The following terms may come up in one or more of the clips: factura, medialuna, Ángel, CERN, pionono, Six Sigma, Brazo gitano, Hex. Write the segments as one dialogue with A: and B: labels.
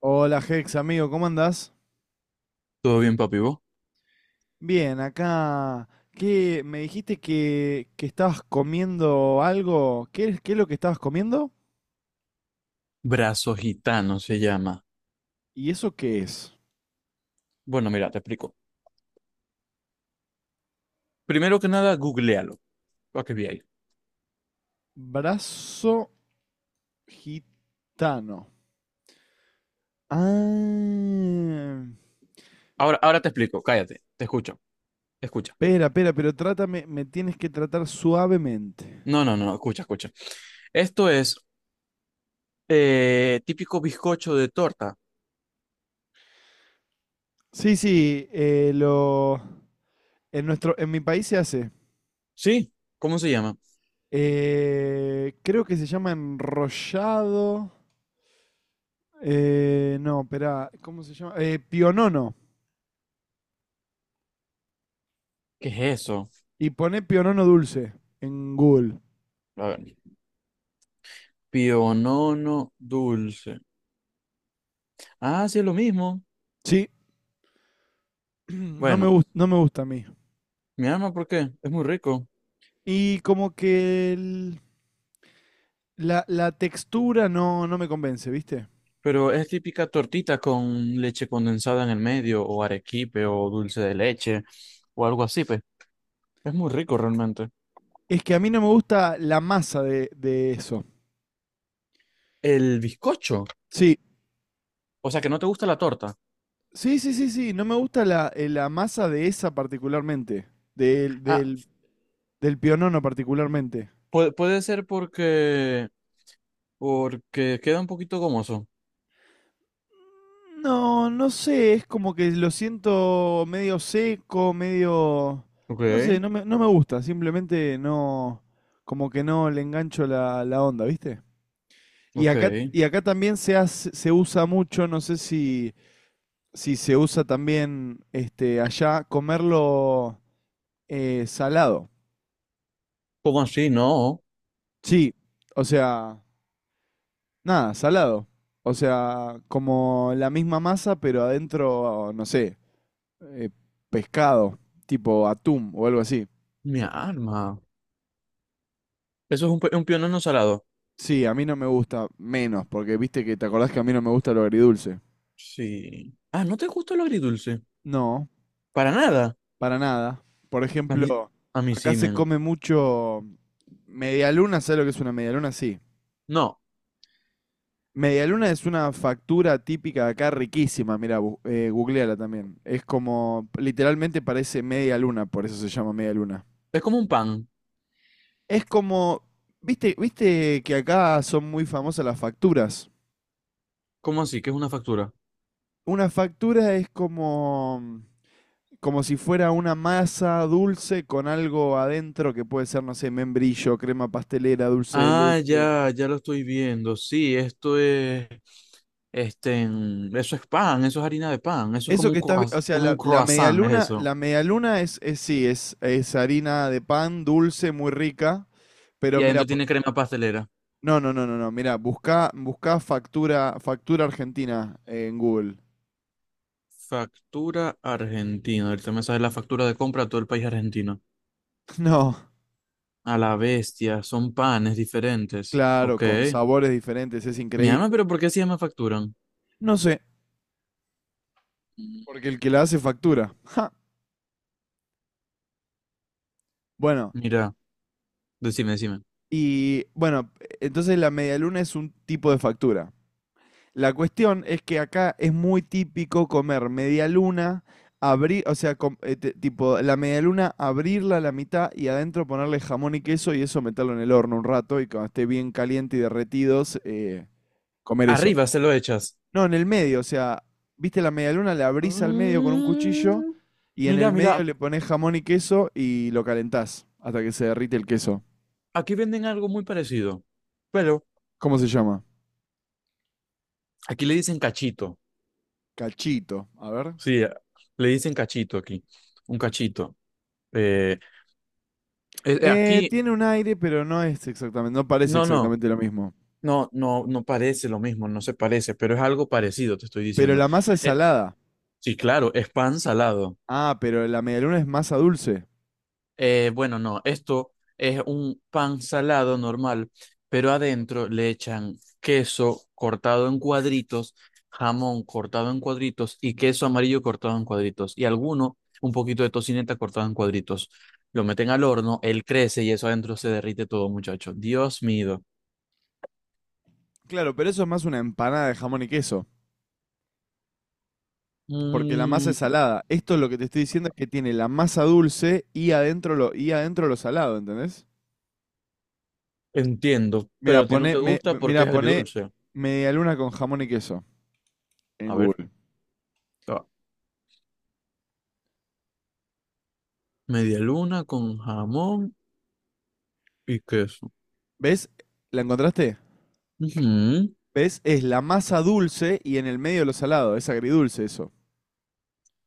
A: Hola Hex, amigo, ¿cómo andás?
B: Todo bien, papi, vos.
A: Bien, acá. ¿Qué? Me dijiste que estabas comiendo algo. ¿Qué, qué es lo que estabas comiendo?
B: Brazo gitano se llama.
A: ¿Y eso qué es?
B: Bueno, mira, te explico. Primero que nada, googlealo. Para que veáis.
A: Brazo gitano. Ah.
B: Ahora, ahora te explico. Cállate. Te escucho. Escucha.
A: Espera, espera, pero trátame, me tienes que tratar suavemente.
B: No, no, no. Escucha, escucha. Esto es típico bizcocho de torta.
A: Sí, sí, lo. En mi país se hace.
B: ¿Sí? ¿Cómo se llama?
A: Creo que se llama enrollado. No, espera, ¿cómo se llama? Pionono.
B: ¿Qué es eso?
A: Y poné pionono dulce en Google.
B: A ver. Pionono dulce. Ah, sí, es lo mismo.
A: Sí, no me,
B: Bueno,
A: gusta, no me gusta a mí.
B: mi alma, ¿por qué? Es muy rico.
A: Y como que la, la textura no, no me convence, ¿viste?
B: Pero es típica tortita con leche condensada en el medio, o arequipe, o dulce de leche, o algo así, pues. Es muy rico realmente.
A: Es que a mí no me gusta la masa de eso.
B: El bizcocho.
A: Sí,
B: O sea, que no te gusta la torta.
A: sí, sí, sí, sí. No me gusta la masa de esa particularmente. Del,
B: Ah,
A: del, Del pionono particularmente.
B: puede ser porque, porque queda un poquito gomoso.
A: No, no sé, es como que lo siento medio seco, medio.
B: Ok,
A: No sé, no me gusta, simplemente no, como que no le engancho la onda, ¿viste?
B: ok.
A: Y acá también se usa mucho, no sé si, si se usa también este, allá, comerlo salado.
B: ¿Cómo así? No.
A: Sí, o sea, nada, salado. O sea, como la misma masa, pero adentro, no sé, eh, pescado, tipo atún o algo así.
B: Mi alma. Eso es un, un pionono salado.
A: Sí, a mí no me gusta menos, porque viste que te acordás que a mí no me gusta lo agridulce.
B: Sí. Ah, ¿no te gusta lo agridulce?
A: No,
B: Para nada.
A: para nada. Por
B: A mí,
A: ejemplo,
B: a mí
A: acá
B: sí,
A: se
B: men.
A: come mucho medialuna, ¿sabes lo que es una medialuna? Sí.
B: No.
A: Medialuna es una factura típica de acá riquísima, mira, googleala también. Es como, literalmente parece media luna, por eso se llama media luna.
B: Es como un pan.
A: Es como, viste, viste que acá son muy famosas las facturas.
B: ¿Cómo así? ¿Que es una factura?
A: Una factura es como, como si fuera una masa dulce con algo adentro que puede ser, no sé, membrillo, crema pastelera, dulce de
B: Ah,
A: leche.
B: ya, ya lo estoy viendo. Sí, esto es, eso es pan, eso es harina de pan, eso es
A: Eso que estás, o sea,
B: como un croissant, es eso.
A: la medialuna es sí, es harina de pan dulce, muy rica, pero
B: Y
A: mira,
B: adentro tiene crema pastelera.
A: no, no, no, no, no, mira, busca, busca factura, factura argentina en Google.
B: Factura argentina. Ahorita me sale la factura de compra a todo el país argentino.
A: No,
B: A la bestia, son panes diferentes.
A: claro,
B: Ok.
A: con sabores diferentes, es
B: Mi alma,
A: increíble.
B: pero ¿por qué se llama facturan?
A: No sé, porque el que la hace factura. Ja. Bueno,
B: Mira, decime, decime.
A: y bueno, entonces la medialuna es un tipo de factura. La cuestión es que acá es muy típico comer medialuna, abrir, o sea, tipo la medialuna abrirla a la mitad y adentro ponerle jamón y queso y eso meterlo en el horno un rato y cuando esté bien caliente y derretidos, comer eso.
B: Arriba se lo echas.
A: No, en el medio, o sea, viste la medialuna, la abrís al medio con un cuchillo
B: Mm,
A: y en
B: mira,
A: el medio
B: mira,
A: le pones jamón y queso y lo calentás hasta que se derrite el queso.
B: aquí venden algo muy parecido. Pero
A: ¿Cómo se llama?
B: aquí le dicen cachito.
A: Cachito, a ver.
B: Sí, le dicen cachito aquí. Un cachito. Eh, aquí,
A: Tiene un aire, pero no es exactamente, no parece
B: no, no,
A: exactamente lo mismo.
B: no, no, no parece lo mismo, no se parece, pero es algo parecido, te estoy
A: Pero
B: diciendo.
A: la masa es
B: Eh,
A: salada.
B: sí, claro, es pan salado.
A: Ah, pero la medialuna es masa dulce.
B: Bueno, no, esto es un pan salado normal, pero adentro le echan queso cortado en cuadritos, jamón cortado en cuadritos y queso amarillo cortado en cuadritos. Y alguno, un poquito de tocineta cortado en cuadritos. Lo meten al horno, él crece y eso adentro se derrite todo, muchacho. Dios mío.
A: Claro, pero eso es más una empanada de jamón y queso, porque la masa es
B: Mm,
A: salada. Esto lo que te estoy diciendo es que tiene la masa dulce y adentro lo salado, ¿entendés?
B: entiendo, pero
A: Mira,
B: a ti no
A: pone,
B: te
A: me,
B: gusta porque
A: mira,
B: es
A: pone
B: agridulce.
A: medialuna con jamón y queso en
B: A ver,
A: Google.
B: ah, media luna con jamón y queso.
A: ¿Ves? ¿La encontraste?
B: Ujú.
A: ¿Ves? Es la masa dulce y en el medio lo salado. Es agridulce eso.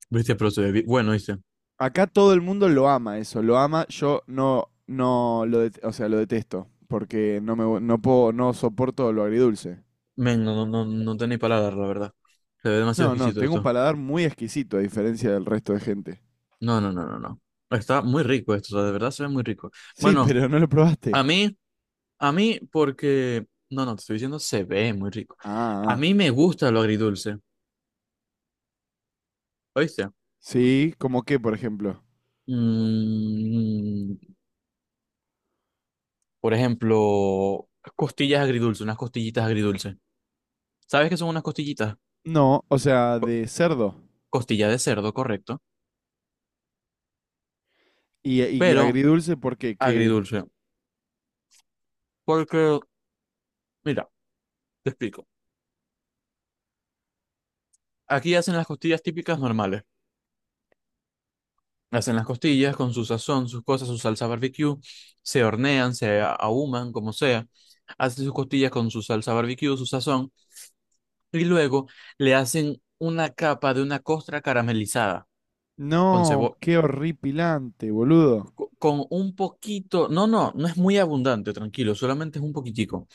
B: Viste, pero se ve bien. Bueno, dice.
A: Acá todo el mundo lo ama eso, lo ama, yo no, no lo, o sea, lo detesto, porque no me, no puedo, no soporto lo agridulce.
B: Men, no, no, no, no tenéis palabras, la verdad. Se ve demasiado
A: No, no,
B: exquisito
A: tengo un
B: esto.
A: paladar muy exquisito a diferencia del resto de gente.
B: No, no, no, no, no. Está muy rico esto, o sea, de verdad se ve muy rico.
A: Sí,
B: Bueno,
A: pero no lo probaste.
B: a mí, a mí, porque. No, no, te estoy diciendo, se ve muy rico. A
A: Ah, ah.
B: mí me gusta lo agridulce, ¿oíste?
A: Sí, ¿como qué, por ejemplo?
B: Mm, por ejemplo, costillas agridulce, unas costillitas agridulce. ¿Sabes qué son unas costillitas?
A: No, o sea,
B: Co-
A: de cerdo.
B: Costilla de cerdo, correcto.
A: Y
B: Pero
A: agridulce porque que.
B: agridulce. Porque, mira, te explico. Aquí hacen las costillas típicas normales. Hacen las costillas con su sazón, sus cosas, su salsa barbecue, se hornean, ahuman, como sea. Hacen sus costillas con su salsa barbecue, su sazón, y luego le hacen una capa de una costra caramelizada con
A: No,
B: cebo-
A: qué horripilante, boludo.
B: con un poquito, no, no, no es muy abundante, tranquilo, solamente es un poquitico,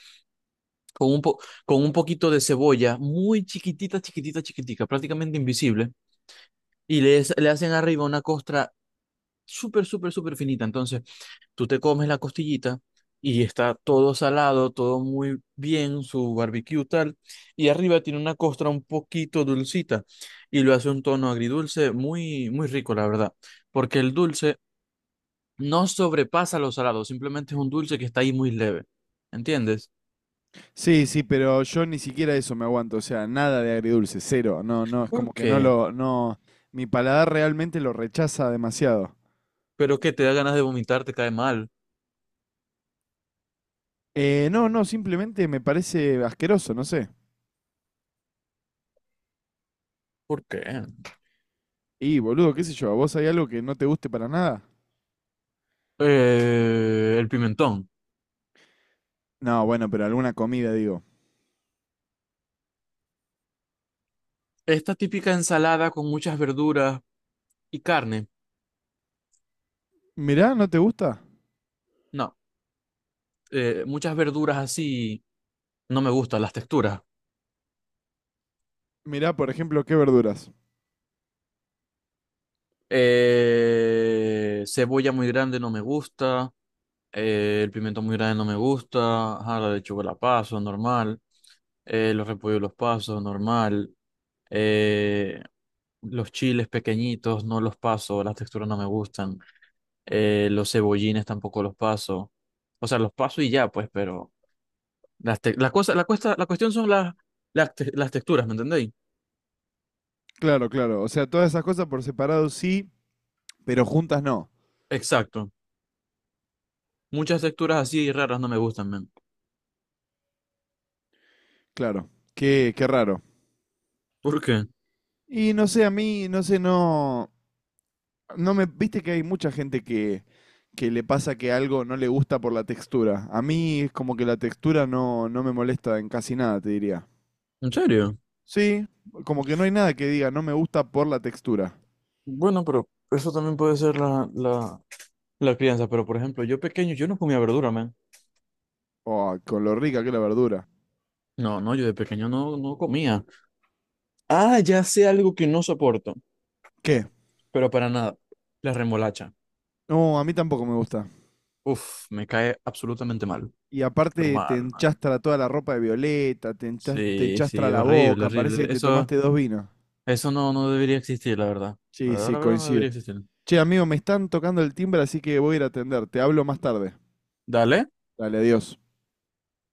B: con un po- con un poquito de cebolla muy chiquitita, chiquitita, chiquitica, prácticamente invisible, y le hacen arriba una costra súper, súper, súper finita. Entonces, tú te comes la costillita y está todo salado, todo muy bien, su barbecue tal, y arriba tiene una costra un poquito dulcita y lo hace un tono agridulce muy, muy rico, la verdad, porque el dulce no sobrepasa lo salado, simplemente es un dulce que está ahí muy leve, ¿entiendes?
A: Sí, sí, pero yo ni siquiera eso me aguanto, o sea, nada de agridulce, cero, no, no, es
B: ¿Por
A: como que no
B: qué?
A: lo, no, mi paladar realmente lo rechaza demasiado.
B: Pero que te da ganas de vomitar, te cae mal.
A: No, no, simplemente me parece asqueroso, no sé.
B: ¿Por qué?
A: Y boludo, qué sé yo, ¿a vos hay algo que no te guste para nada?
B: El pimentón.
A: No, bueno, pero alguna comida, digo.
B: Esta típica ensalada con muchas verduras y carne.
A: Mirá, ¿no te gusta?
B: No. Muchas verduras así no me gustan las texturas.
A: Mirá, por ejemplo, qué verduras.
B: Cebolla muy grande no me gusta. El pimiento muy grande no me gusta. Ajá, la lechuga la paso, normal. Los repollos los paso, normal. eh, los chiles pequeñitos no los paso, las texturas no me gustan. Los cebollines tampoco los paso. O sea, los paso y ya, pues, pero las cosas, la cuestión son las texturas, ¿me entendéis?
A: Claro, claro, o sea, todas esas cosas por separado sí, pero juntas no.
B: Exacto. Muchas texturas así raras no me gustan, men.
A: Claro, qué, qué raro.
B: ¿Por qué?
A: Y no sé, a mí, no sé, no, no me, viste que hay mucha gente que le pasa que algo no le gusta por la textura. A mí es como que la textura no, no me molesta en casi nada, te diría.
B: ¿En serio?
A: Sí, como que no hay nada que diga no me gusta por la textura.
B: Bueno, pero eso también puede ser la crianza, pero por ejemplo, yo pequeño, yo no comía verdura, man.
A: Oh, con lo rica que es la verdura.
B: No, no, yo de pequeño no comía. Ah, ya sé algo que no soporto,
A: ¿Qué?
B: pero para nada. La remolacha.
A: No, a mí tampoco me gusta.
B: Uf, me cae absolutamente mal.
A: Y
B: Pero
A: aparte te
B: mal, man.
A: enchastra toda la ropa de violeta, te
B: Sí,
A: enchastra
B: sí,
A: la
B: horrible,
A: boca, parece que
B: horrible.
A: te
B: Eso,
A: tomaste dos vinos.
B: eso no, no debería existir, la verdad. La
A: Sí,
B: verdad,
A: sí,
B: la verdad no
A: coincido.
B: debería existir.
A: Che, amigo, me están tocando el timbre, así que voy a ir a atender. Te hablo más tarde.
B: Dale.
A: Dale, adiós.